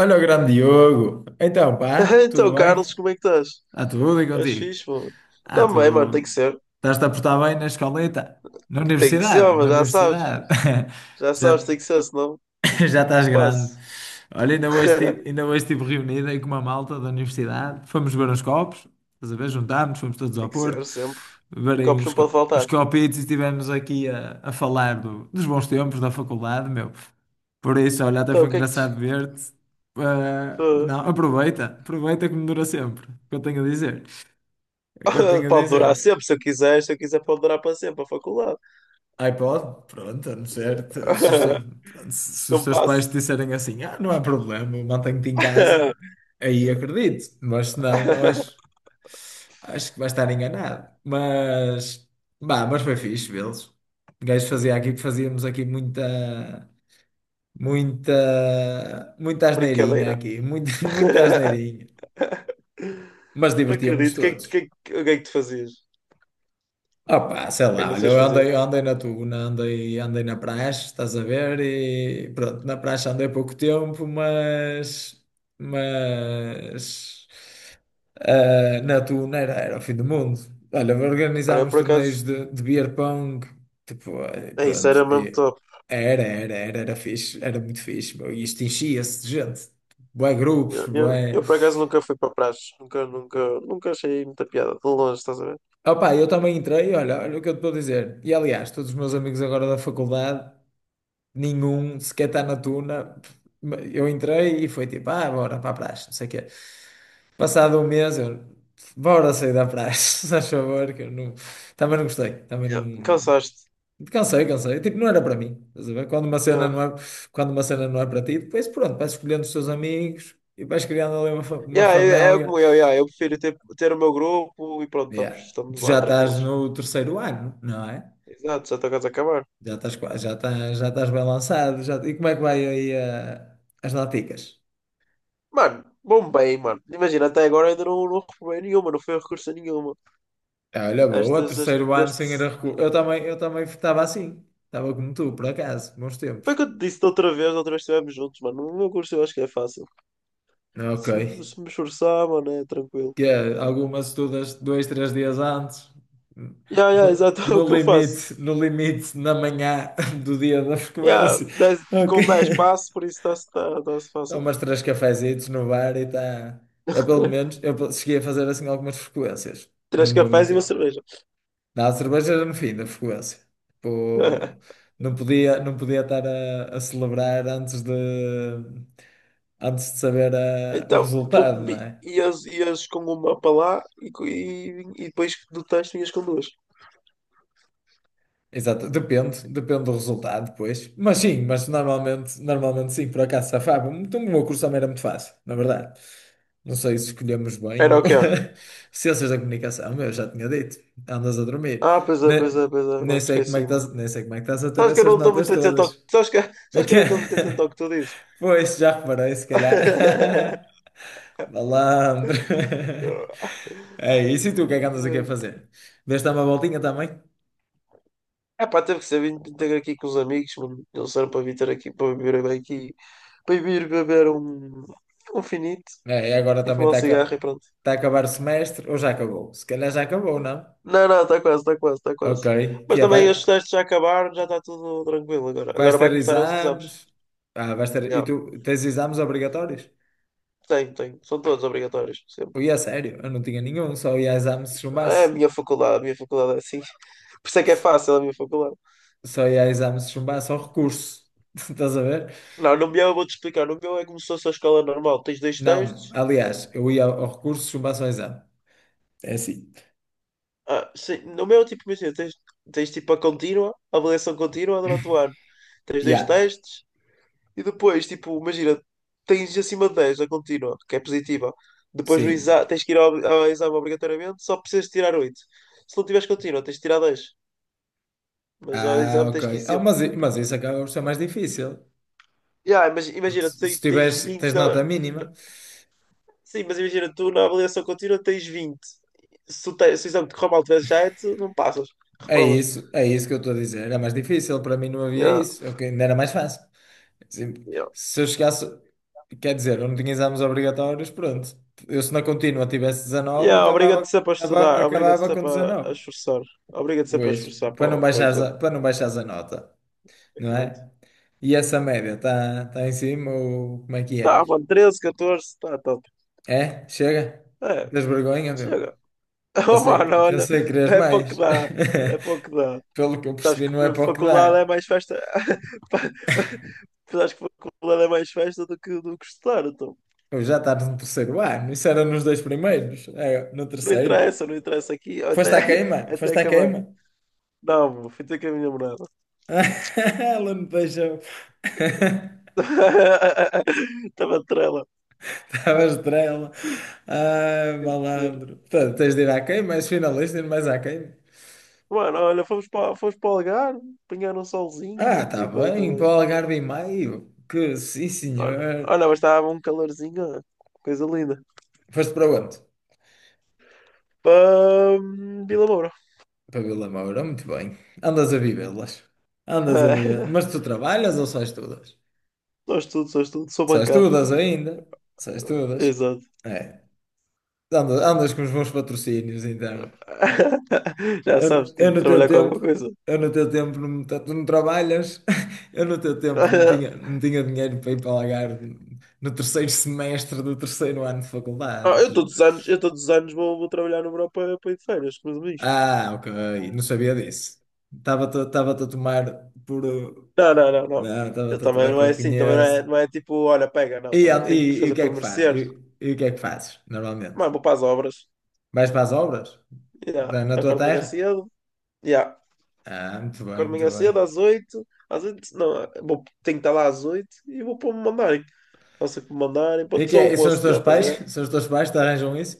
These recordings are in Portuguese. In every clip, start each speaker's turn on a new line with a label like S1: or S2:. S1: Olha o grande Diogo. Então, pá,
S2: Então,
S1: tudo bem?
S2: Carlos, como é que estás?
S1: Ah, tudo e
S2: Estás
S1: contigo?
S2: fixe, mano?
S1: Ah,
S2: Também, mano, tem que
S1: tu
S2: ser.
S1: estás-te a portar bem na escoleta? Na
S2: Tem que ser,
S1: universidade? Na
S2: mas já sabes.
S1: universidade?
S2: Já sabes,
S1: Já.
S2: tem que ser, senão
S1: Já estás
S2: não passo.
S1: grande. Olha, ainda hoje estive reunido aí com uma malta da universidade. Fomos beber uns copos, estás a ver? Juntámos, fomos todos ao
S2: Tem que
S1: Porto,
S2: ser, sempre.
S1: beber aí
S2: Copos não pode
S1: uns
S2: faltar.
S1: copitos e estivemos aqui a falar dos bons tempos da faculdade, meu. Por isso, olha, até
S2: Então,
S1: foi
S2: o que é que
S1: engraçado ver-te. Ah,
S2: tu...
S1: não, aproveita que me dura sempre, o que eu tenho a dizer. O que eu tenho a
S2: Pode durar
S1: dizer.
S2: sempre, se eu quiser. Se eu quiser, pode durar para sempre, a faculdade.
S1: iPod, pronto, a não ser, se os, te- pronto, se os
S2: Não
S1: teus pais te
S2: passo.
S1: disserem assim, ah, não há problema, mantenho-te em casa, aí acredito, mas se não, eu acho, acho que vai estar enganado. Mas, bah, mas foi fixe vê-los. O gajo fazia aqui, fazíamos aqui muita, muita, muita asneirinha
S2: Brincadeira.
S1: aqui, muita, muita asneirinha, mas divertíamos-nos
S2: Acredito.
S1: todos.
S2: O que é que tu fazias?
S1: Opa, sei
S2: O que é que
S1: lá, olha,
S2: vocês faziam?
S1: eu andei na Tuna, andei na praxe, estás a ver? E pronto, na praxe andei pouco tempo, mas ah, na Tuna era o fim do mundo. Olha,
S2: Olha,
S1: organizávamos
S2: por
S1: torneios
S2: acaso...
S1: de beer pong, tipo, eh,
S2: É isso,
S1: pronto,
S2: era mesmo
S1: e
S2: top.
S1: era fixe, era muito fixe, meu, e isto enchia-se de gente, bué
S2: Eu,
S1: grupos,
S2: eu,
S1: bué...
S2: eu, por acaso nunca fui para praxe, nunca achei muita piada, de longe, estás a ver?
S1: Opa, eu também entrei, olha, olha o que eu te estou a dizer. E aliás, todos os meus amigos agora da faculdade. Nenhum sequer está na tuna. Eu entrei e foi tipo, ah, bora para a praxe, não sei o quê. Passado um mês, eu, bora sair da praxe, se faz favor, que eu não... Também não gostei, também
S2: Yeah.
S1: não...
S2: Cansaste.
S1: Cansei, cansei. Tipo, não era para mim. Estás a ver? Quando uma cena
S2: Yeah.
S1: não é, quando uma cena não é para ti, depois pronto, vais escolhendo os teus amigos e vais criando ali uma
S2: Yeah, é
S1: família.
S2: como eu, yeah. Eu prefiro ter o meu grupo e pronto, estamos,
S1: Yeah.
S2: estamos
S1: Tu já
S2: lá
S1: estás
S2: tranquilos.
S1: no terceiro ano, não é?
S2: Exato, já estou quase a acabar.
S1: Já estás bem lançado. Já... E como é que vai aí ah, as laticas?
S2: Mano, bom bem, mano. Imagina, até agora ainda não recuperei nenhuma, não foi a recurso a nenhuma.
S1: Ah, olha, boa,
S2: Estas, este,
S1: terceiro ano
S2: este...
S1: sem ir a recurso. Eu também estava assim. Estava como tu, por acaso, bons
S2: Foi o
S1: tempos.
S2: que eu te disse da outra vez, estivemos juntos, mano. No meu curso eu acho que é fácil.
S1: Ok.
S2: Se me esforçar, mano, é tranquilo.
S1: Que é, algumas estudas dois, 3 dias antes.
S2: Yeah, yeah,
S1: No,
S2: exato, é
S1: no
S2: o que eu faço.
S1: limite, na manhã do dia da
S2: Yeah,
S1: frequência. Ok.
S2: com 10 passos por isso tá-se fácil.
S1: Tomas três cafezitos no bar e está. Eu, pelo menos, cheguei a fazer assim algumas frequências.
S2: Três
S1: Não vou
S2: cafés e uma
S1: mentir.
S2: cerveja.
S1: Não, a cerveja era no fim da frequência. Tipo, não podia estar a celebrar antes de saber ah, o
S2: Então, com-
S1: resultado, não
S2: bi-
S1: é?
S2: ias, ias com uma para lá e depois do texto ias com duas.
S1: Exato, depende do resultado depois. Mas sim, mas normalmente sim, por acaso safava. Então, o meu curso também era muito fácil, na verdade. Não sei se escolhemos bem.
S2: Era
S1: Ou-
S2: o quê?
S1: Ciências da comunicação, eu já tinha dito. Andas a dormir.
S2: Ah, pois é, pois
S1: Ne-
S2: é, pois é,
S1: Nem,
S2: mano,
S1: sei como é que
S2: esqueci-me.
S1: estás, nem sei como é que estás a ter
S2: Sabes que eu
S1: essas
S2: não estou
S1: notas
S2: muito atento ao que...
S1: todas.
S2: Sabes que
S1: Ok.
S2: eu não estou muito atento ao que tu dizes?
S1: Pois, já reparei, se calhar. Malandro. É isso, e tu, o que é que andas aqui a fazer? Deste dar uma voltinha também?
S2: É pá, teve que ser vindo ter aqui com os amigos, mano. Eles eram para vir ter aqui, para vir bem aqui, para vir beber um finito
S1: É, e agora
S2: e
S1: também
S2: fumar um cigarro e pronto.
S1: tá a acabar o semestre, ou já acabou? Se calhar já acabou, não?
S2: Não, não, está quase, está quase, está
S1: Ok,
S2: quase. Mas
S1: que é,
S2: também os testes já acabaram, já está tudo tranquilo agora.
S1: vais
S2: Agora vai
S1: ter
S2: começar os exames.
S1: exames? Ah, vais ter, e
S2: Já.
S1: tu tens exames obrigatórios?
S2: Tem, tem. São todos obrigatórios, sempre.
S1: Ui, a sério, eu não tinha nenhum, só ia a exame se
S2: É
S1: chumbasse.
S2: a minha faculdade é assim. Por isso é que é
S1: S-
S2: fácil a minha faculdade.
S1: Só ia a exame se chumbasse ao recurso. Estás a ver?
S2: Não, no meu eu vou-te explicar. No meu é como se fosse a escola normal. Tens dois
S1: Não,
S2: textos.
S1: aliás, eu ia ao recurso se chumbasse ao exame. É assim.
S2: Ah, sim, no meu, tipo, imagina, tens tipo a avaliação contínua durante o ano. Tens dois
S1: Yeah.
S2: testes e depois, tipo, imagina, tens acima de 10 a contínua, que é positiva. Depois no
S1: Sim.
S2: exa tens que ir ao exame obrigatoriamente, só precisas tirar 8. Se não tiveres contínua, tens de tirar 10. Mas ao
S1: Ah,
S2: exame
S1: ok.
S2: tens que ir
S1: Ah,
S2: sempre.
S1: mas, i- mas isso acaba por ser mais difícil.
S2: Yeah, mas
S1: Porque
S2: imagina,
S1: se
S2: tens
S1: tiveres,
S2: 20
S1: tens nota
S2: na...
S1: mínima,
S2: na- Sim, mas imagina, tu na avaliação contínua tens 20. Se o exame te correr mal, tiveres 7, não passas, reprovas.
S1: é isso que eu estou a dizer. Era mais difícil, para mim não havia
S2: Yeah.
S1: isso. Eu, ainda era mais fácil. Assim, se eu chegasse, quer dizer, eu não tinha exames obrigatórios, pronto. Eu se na contínua tivesse 19,
S2: Yeah, obriga-te
S1: acabava,
S2: sempre a estudar, obriga-te
S1: acabava com
S2: sempre a
S1: 19.
S2: esforçar, obriga-te sempre a
S1: Pois,
S2: esforçar para o, para o exame.
S1: para não baixares a nota, não
S2: Exato.
S1: é? E essa média está tá tá em cima ou como é que
S2: Tá,
S1: é?
S2: mano, 13, 14, tá top.
S1: É? Chega?
S2: É,
S1: Tens vergonha, meu?
S2: chega. Oh,
S1: Pensei,
S2: mano, olha,
S1: pensei que querias
S2: é pouco que
S1: mais.
S2: dá, é pouco que dá.
S1: Pelo que eu
S2: Sabes
S1: percebi, não é
S2: que
S1: para o que
S2: faculdade é
S1: dá.
S2: mais festa. Pa- Sabes que faculdade é mais festa do que estudar, então.
S1: Pois já estás no terceiro ano. Isso era nos dois primeiros. É, no
S2: Não
S1: terceiro.
S2: interessa, não interessa aqui,
S1: Foste
S2: até,
S1: à queima?
S2: até
S1: Foste à
S2: acabar.
S1: queima?
S2: Não, meu, fui ter com a minha namorada.
S1: Ela me deixou.
S2: Estava trela,
S1: Estava estrela. Ai,
S2: tem que ser.
S1: malandro. Portanto, tens de ir à queima, és finalista, ir mais à queima.
S2: Mano, olha, fomos para o Algarve, apanhar um solzinho,
S1: Ah,
S2: mano,
S1: tá
S2: estive bem
S1: bem. Para
S2: também.
S1: o Algarve e Maio. Que sim,
S2: Olha,
S1: senhor.
S2: olha, mas estava um calorzinho, ó, coisa linda.
S1: Foste para onde?
S2: Para Vila Moura.
S1: Para Vila Moura, muito bem. Andas a vivê-las. Andas a viver. Mas tu trabalhas ou só estudas?
S2: Sou estudo, sou estudo, sou
S1: Só
S2: bancado.
S1: estudas ainda. Só estudas.
S2: Exato.
S1: É. Andas com os bons patrocínios, então.
S2: Já sabes,
S1: Eu
S2: tenho que
S1: no teu
S2: trabalhar com alguma
S1: tempo,
S2: coisa.
S1: tu não trabalhas. Eu no teu tempo não tinha, não tinha dinheiro para ir para Algarve no terceiro semestre do terceiro ano de faculdade.
S2: Ah,
S1: Ou seja,
S2: eu todos os anos vou trabalhar no Europa para ir de férias, com os.
S1: ah, ok. Não sabia disso. Estava-te a tomar por...
S2: Não, não, não, não.
S1: não,
S2: Eu
S1: estava-te a
S2: também
S1: tomar que
S2: não é
S1: eu
S2: assim, também
S1: conheço.
S2: não é tipo, olha, pega, não,
S1: E,
S2: também tenho que
S1: e, e o
S2: fazer
S1: que é
S2: por
S1: que faz? E,
S2: merecer.
S1: e o que é que fazes, normalmente?
S2: Mas vou para as obras.
S1: Vais para as obras?
S2: Yeah.
S1: Na na tua
S2: Acordo de manhã
S1: terra?
S2: cedo. Yeah.
S1: Ah, muito bem,
S2: Acordo
S1: muito
S2: amanhã cedo,
S1: bem.
S2: às 8, às 8 não, vou, tenho que estar lá às 8 e vou para me mandarem. Faço o que me mandarem.
S1: E,
S2: Pronto,
S1: que
S2: sou
S1: é-
S2: o
S1: e são os
S2: moço
S1: teus
S2: dele, estás a
S1: pais?
S2: ver?
S1: São os teus pais que te arranjam isso?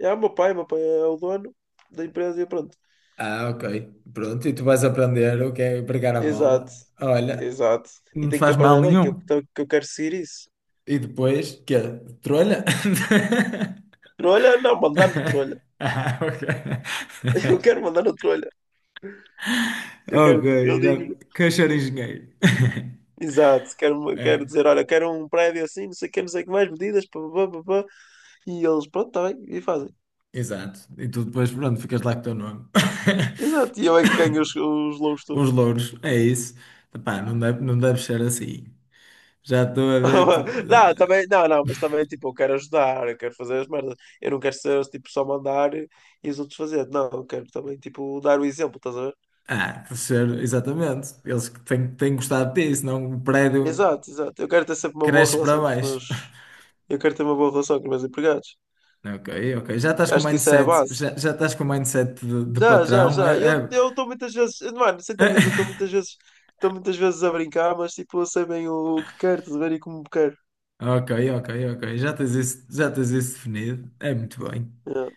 S2: E há o meu pai é o dono da empresa e pronto.
S1: Ah, ok. Pronto, e tu vais aprender o que é pregar a mola.
S2: Exato,
S1: Olha,
S2: exato. E
S1: não te
S2: tenho que
S1: faz mal
S2: aprender bem
S1: nenhum.
S2: que eu, então, que eu quero seguir isso.
S1: E depois, quê? Trolha?
S2: Trolha? Não, mandar no trolha.
S1: Ah, ok.
S2: Eu quero mandar no trolha. Eu
S1: Ok,
S2: quero, eu
S1: já...
S2: digo,
S1: Cachorro engenheiro.
S2: exato, quero
S1: É,
S2: dizer, olha, quero um prédio assim, não sei o que, não sei o que mais, medidas, pá, pá, pá, pá, pá. E eles, pronto, está bem, e fazem.
S1: exato. E tu depois, pronto, ficas lá com o teu nome.
S2: Exato, e eu é que ganho os louros
S1: Os
S2: todos.
S1: louros, é isso. Epá, não deve ser assim. Já estou a ver que tu.
S2: Não, também, não, não, mas também, tipo, eu quero ajudar, eu quero fazer as merdas. Eu não quero ser, tipo, só mandar e os outros fazer. Não, eu quero também, tipo, dar o exemplo, estás a ver?
S1: Ah, deve ser, exatamente. Eles que têm gostado disso, não o prédio
S2: Exato, exato. Eu quero ter sempre uma boa
S1: cresce para
S2: relação com os
S1: baixo.
S2: meus. Eu quero ter uma boa relação com os meus empregados.
S1: Ok, ok. Já estás com o
S2: Acho que isso é a
S1: mindset,
S2: base.
S1: já, já estás com o mindset de
S2: Já, já,
S1: patrão.
S2: já.
S1: É,
S2: Eu
S1: é-
S2: eu estou muitas vezes. Mano, sem tangas, eu estou muitas vezes. Estou muitas vezes a brincar, mas, tipo, eu sei bem o que quero, estás a ver? E como quero.
S1: Ok, ok, ok. Já tens isso definido. É muito bem.
S2: Yeah.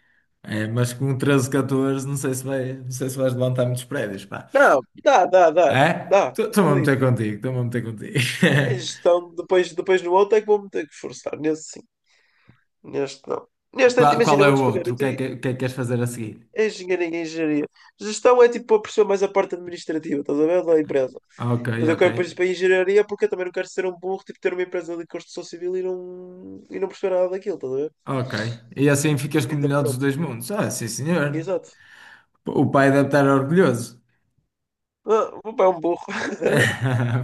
S1: É, mas com 13 14 não sei se vais levantar muitos prédios, pá.
S2: Não, dá, dá, dá,
S1: É?
S2: dá.
S1: Estou-me a meter contigo, estou-me a meter contigo.
S2: É gestão, depois no outro é que vou-me ter que esforçar. Nesse sim, neste não. Neste, é,
S1: Qual
S2: imagina, eu
S1: é
S2: vou-te
S1: o
S2: explicar.
S1: outro?
S2: Eu
S1: O que é
S2: tenho
S1: que, o que é que queres fazer a seguir?
S2: engenharia e engenharia. Gestão é tipo a pessoa mais a parte administrativa, estás a ver? Da empresa.
S1: Ah, ok,
S2: Mas eu
S1: ok,
S2: quero depois ir para a engenharia porque eu também não quero ser um burro, tipo ter uma empresa de construção civil e não perceber nada daquilo, estás a ver?
S1: ok. E assim ficas com o
S2: Então
S1: melhor dos
S2: pronto,
S1: dois mundos. Ah, sim, senhor.
S2: exato.
S1: O pai deve estar orgulhoso.
S2: Ah, o meu pai é um burro.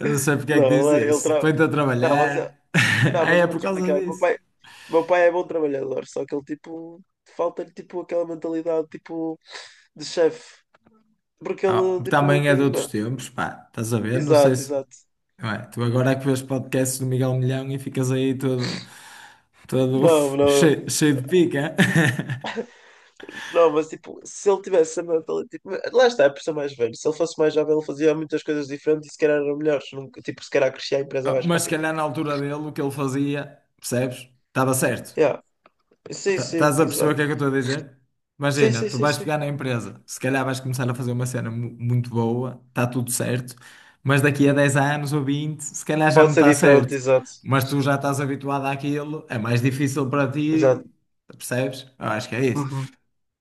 S1: Não sei porque é que diz
S2: Não, ele, é, ele
S1: isso.
S2: tra-
S1: Põe-te a
S2: Não, mas, eu-
S1: trabalhar.
S2: não,
S1: Ah,
S2: mas
S1: é
S2: eu
S1: por
S2: vou-te
S1: causa
S2: explicar.
S1: disso.
S2: O meu pai é bom trabalhador, só que ele tipo falta-lhe tipo aquela mentalidade tipo de chefe, porque
S1: Ah,
S2: ele, tipo, não
S1: também é de
S2: tem
S1: outros
S2: uma.
S1: tempos, pá. Estás a ver? Não sei
S2: Exato,
S1: se.
S2: exato.
S1: Não é? Tu agora é que vês podcasts do Miguel Milhão e ficas aí todo, todo
S2: Não, não,
S1: cheio, cheio de pica.
S2: não, mas tipo, se ele tivesse a mentalidade, tipo, lá está, é por ser mais velho. Se ele fosse mais jovem, ele fazia muitas coisas diferentes e se calhar eram melhores. Tipo, se calhar crescia a empresa
S1: Ah,
S2: mais
S1: mas se
S2: rápido.
S1: calhar na altura dele, o que ele fazia, percebes? Estava certo.
S2: Yeah. Sim,
S1: Ta-
S2: sim,
S1: Estás a perceber o
S2: exato.
S1: que é que eu estou a dizer?
S2: Sim,
S1: Imagina,
S2: sim,
S1: tu
S2: sim,
S1: vais
S2: sim.
S1: pegar na empresa, se calhar vais começar a fazer uma cena mu- muito boa, está tudo certo, mas daqui a 10 anos ou 20 se calhar já
S2: Pode
S1: não
S2: ser
S1: está
S2: diferente,
S1: certo.
S2: exato.
S1: Mas tu já estás habituado àquilo, é mais difícil para
S2: Exato.
S1: ti, percebes? Eu acho que é isso.
S2: Uhum.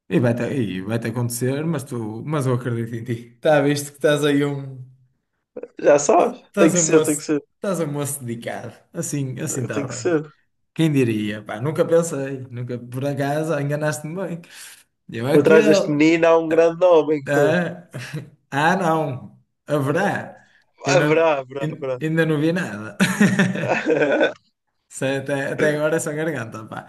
S1: E vai-te acontecer, mas, tu, mas eu acredito em ti. Está visto que estás aí um.
S2: Já sabes, tem
S1: Estás
S2: que
S1: um
S2: ser, tem que
S1: moço,
S2: ser,
S1: estás um moço dedicado. Assim, assim está
S2: tem que
S1: bem.
S2: ser.
S1: Quem diria? Pá, nunca pensei, nunca, por acaso, enganaste-me bem. Eu
S2: Por trás
S1: aquele.
S2: deste menino há um grande homem.
S1: Ah, ah, não, haverá. Eu não-
S2: Haverá, haverá,
S1: in-
S2: haverá.
S1: ainda não vi nada. Isso é até, até agora é só garganta, pá.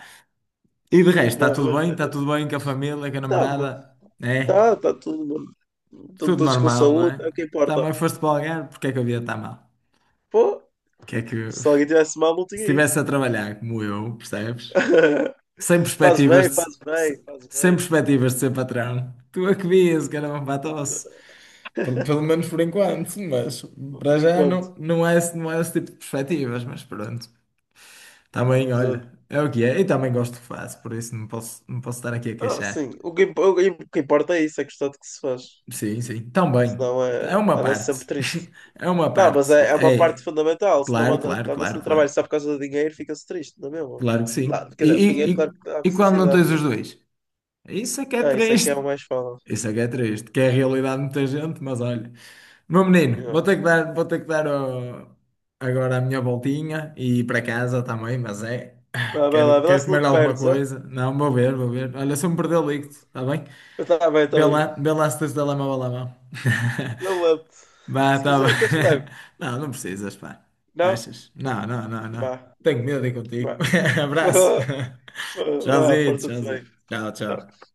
S1: E de resto, está
S2: Não,
S1: tudo
S2: mas.
S1: bem? Está tudo bem com a família, com a
S2: Tá, mano.
S1: namorada? É?
S2: Tá, tá todo mundo. Estão
S1: Tudo
S2: todos com
S1: normal, não
S2: saúde,
S1: é?
S2: é o que importa.
S1: Também foste para o Algarve, porque é que a vida está mal?
S2: Pô,
S1: Que é que.
S2: se alguém tivesse mal, não
S1: Se
S2: tinha ido.
S1: estivesse a trabalhar como eu, percebes? Sem
S2: Faz
S1: perspectivas
S2: bem,
S1: de,
S2: faz bem, faz
S1: sem
S2: bem.
S1: perspectivas de ser patrão. Tu é que vias, caramba, para a tosse. Pelo, pelo menos por enquanto, mas para
S2: Por
S1: já
S2: enquanto.
S1: não, não é, não é esse tipo de perspectivas, mas pronto. Também,
S2: Exato.
S1: olha, é o que é. E também gosto do que faço, por isso não posso estar aqui a
S2: Ah, sim.
S1: queixar.
S2: O que importa é isso, é gostar do que se faz.
S1: Sim, sim, também.
S2: Senão
S1: É
S2: é,
S1: uma
S2: anda-se
S1: parte.
S2: sempre triste.
S1: É uma
S2: Não, mas
S1: parte.
S2: é uma parte
S1: É,
S2: fundamental. Se não
S1: claro, claro,
S2: anda-se no
S1: claro,
S2: trabalho
S1: claro.
S2: só por causa do dinheiro, fica-se triste, não é mesmo?
S1: Claro que
S2: Não,
S1: sim.
S2: quer dizer, o dinheiro, claro que dá
S1: E quando não
S2: felicidade,
S1: tens
S2: né?
S1: os dois? Isso é que é
S2: Ah, isso é que é o
S1: triste.
S2: mais fala.
S1: Isso é que é triste, que é a realidade de muita gente, mas olha. Meu menino, vou
S2: Yeah.
S1: ter que dar, vou ter que dar ó, agora a minha voltinha e ir para casa também, mas é. Ah,
S2: Vai,
S1: Quero,
S2: vai lá
S1: quero
S2: se não
S1: comer
S2: te
S1: alguma
S2: perdes, ó. Tá
S1: coisa. Não, vou ver, vou ver. Olha, se eu me perder, ligo-te, está bem?
S2: bem, estava bem.
S1: Vê lá se tens o telemóvel à mão.
S2: Eu levo.
S1: Vá,
S2: Se
S1: tá bem.
S2: quiser, queres que te leve?
S1: Não, não precisas, pá.
S2: Não?
S1: Achas? Não, não, não, não.
S2: Vá,
S1: Tenho medo de ir contigo.
S2: vá.
S1: Abraço.
S2: Vá,
S1: Tchauzinho,
S2: porta-te bem.
S1: tchauzinho. Tchau,
S2: Tá
S1: tchau.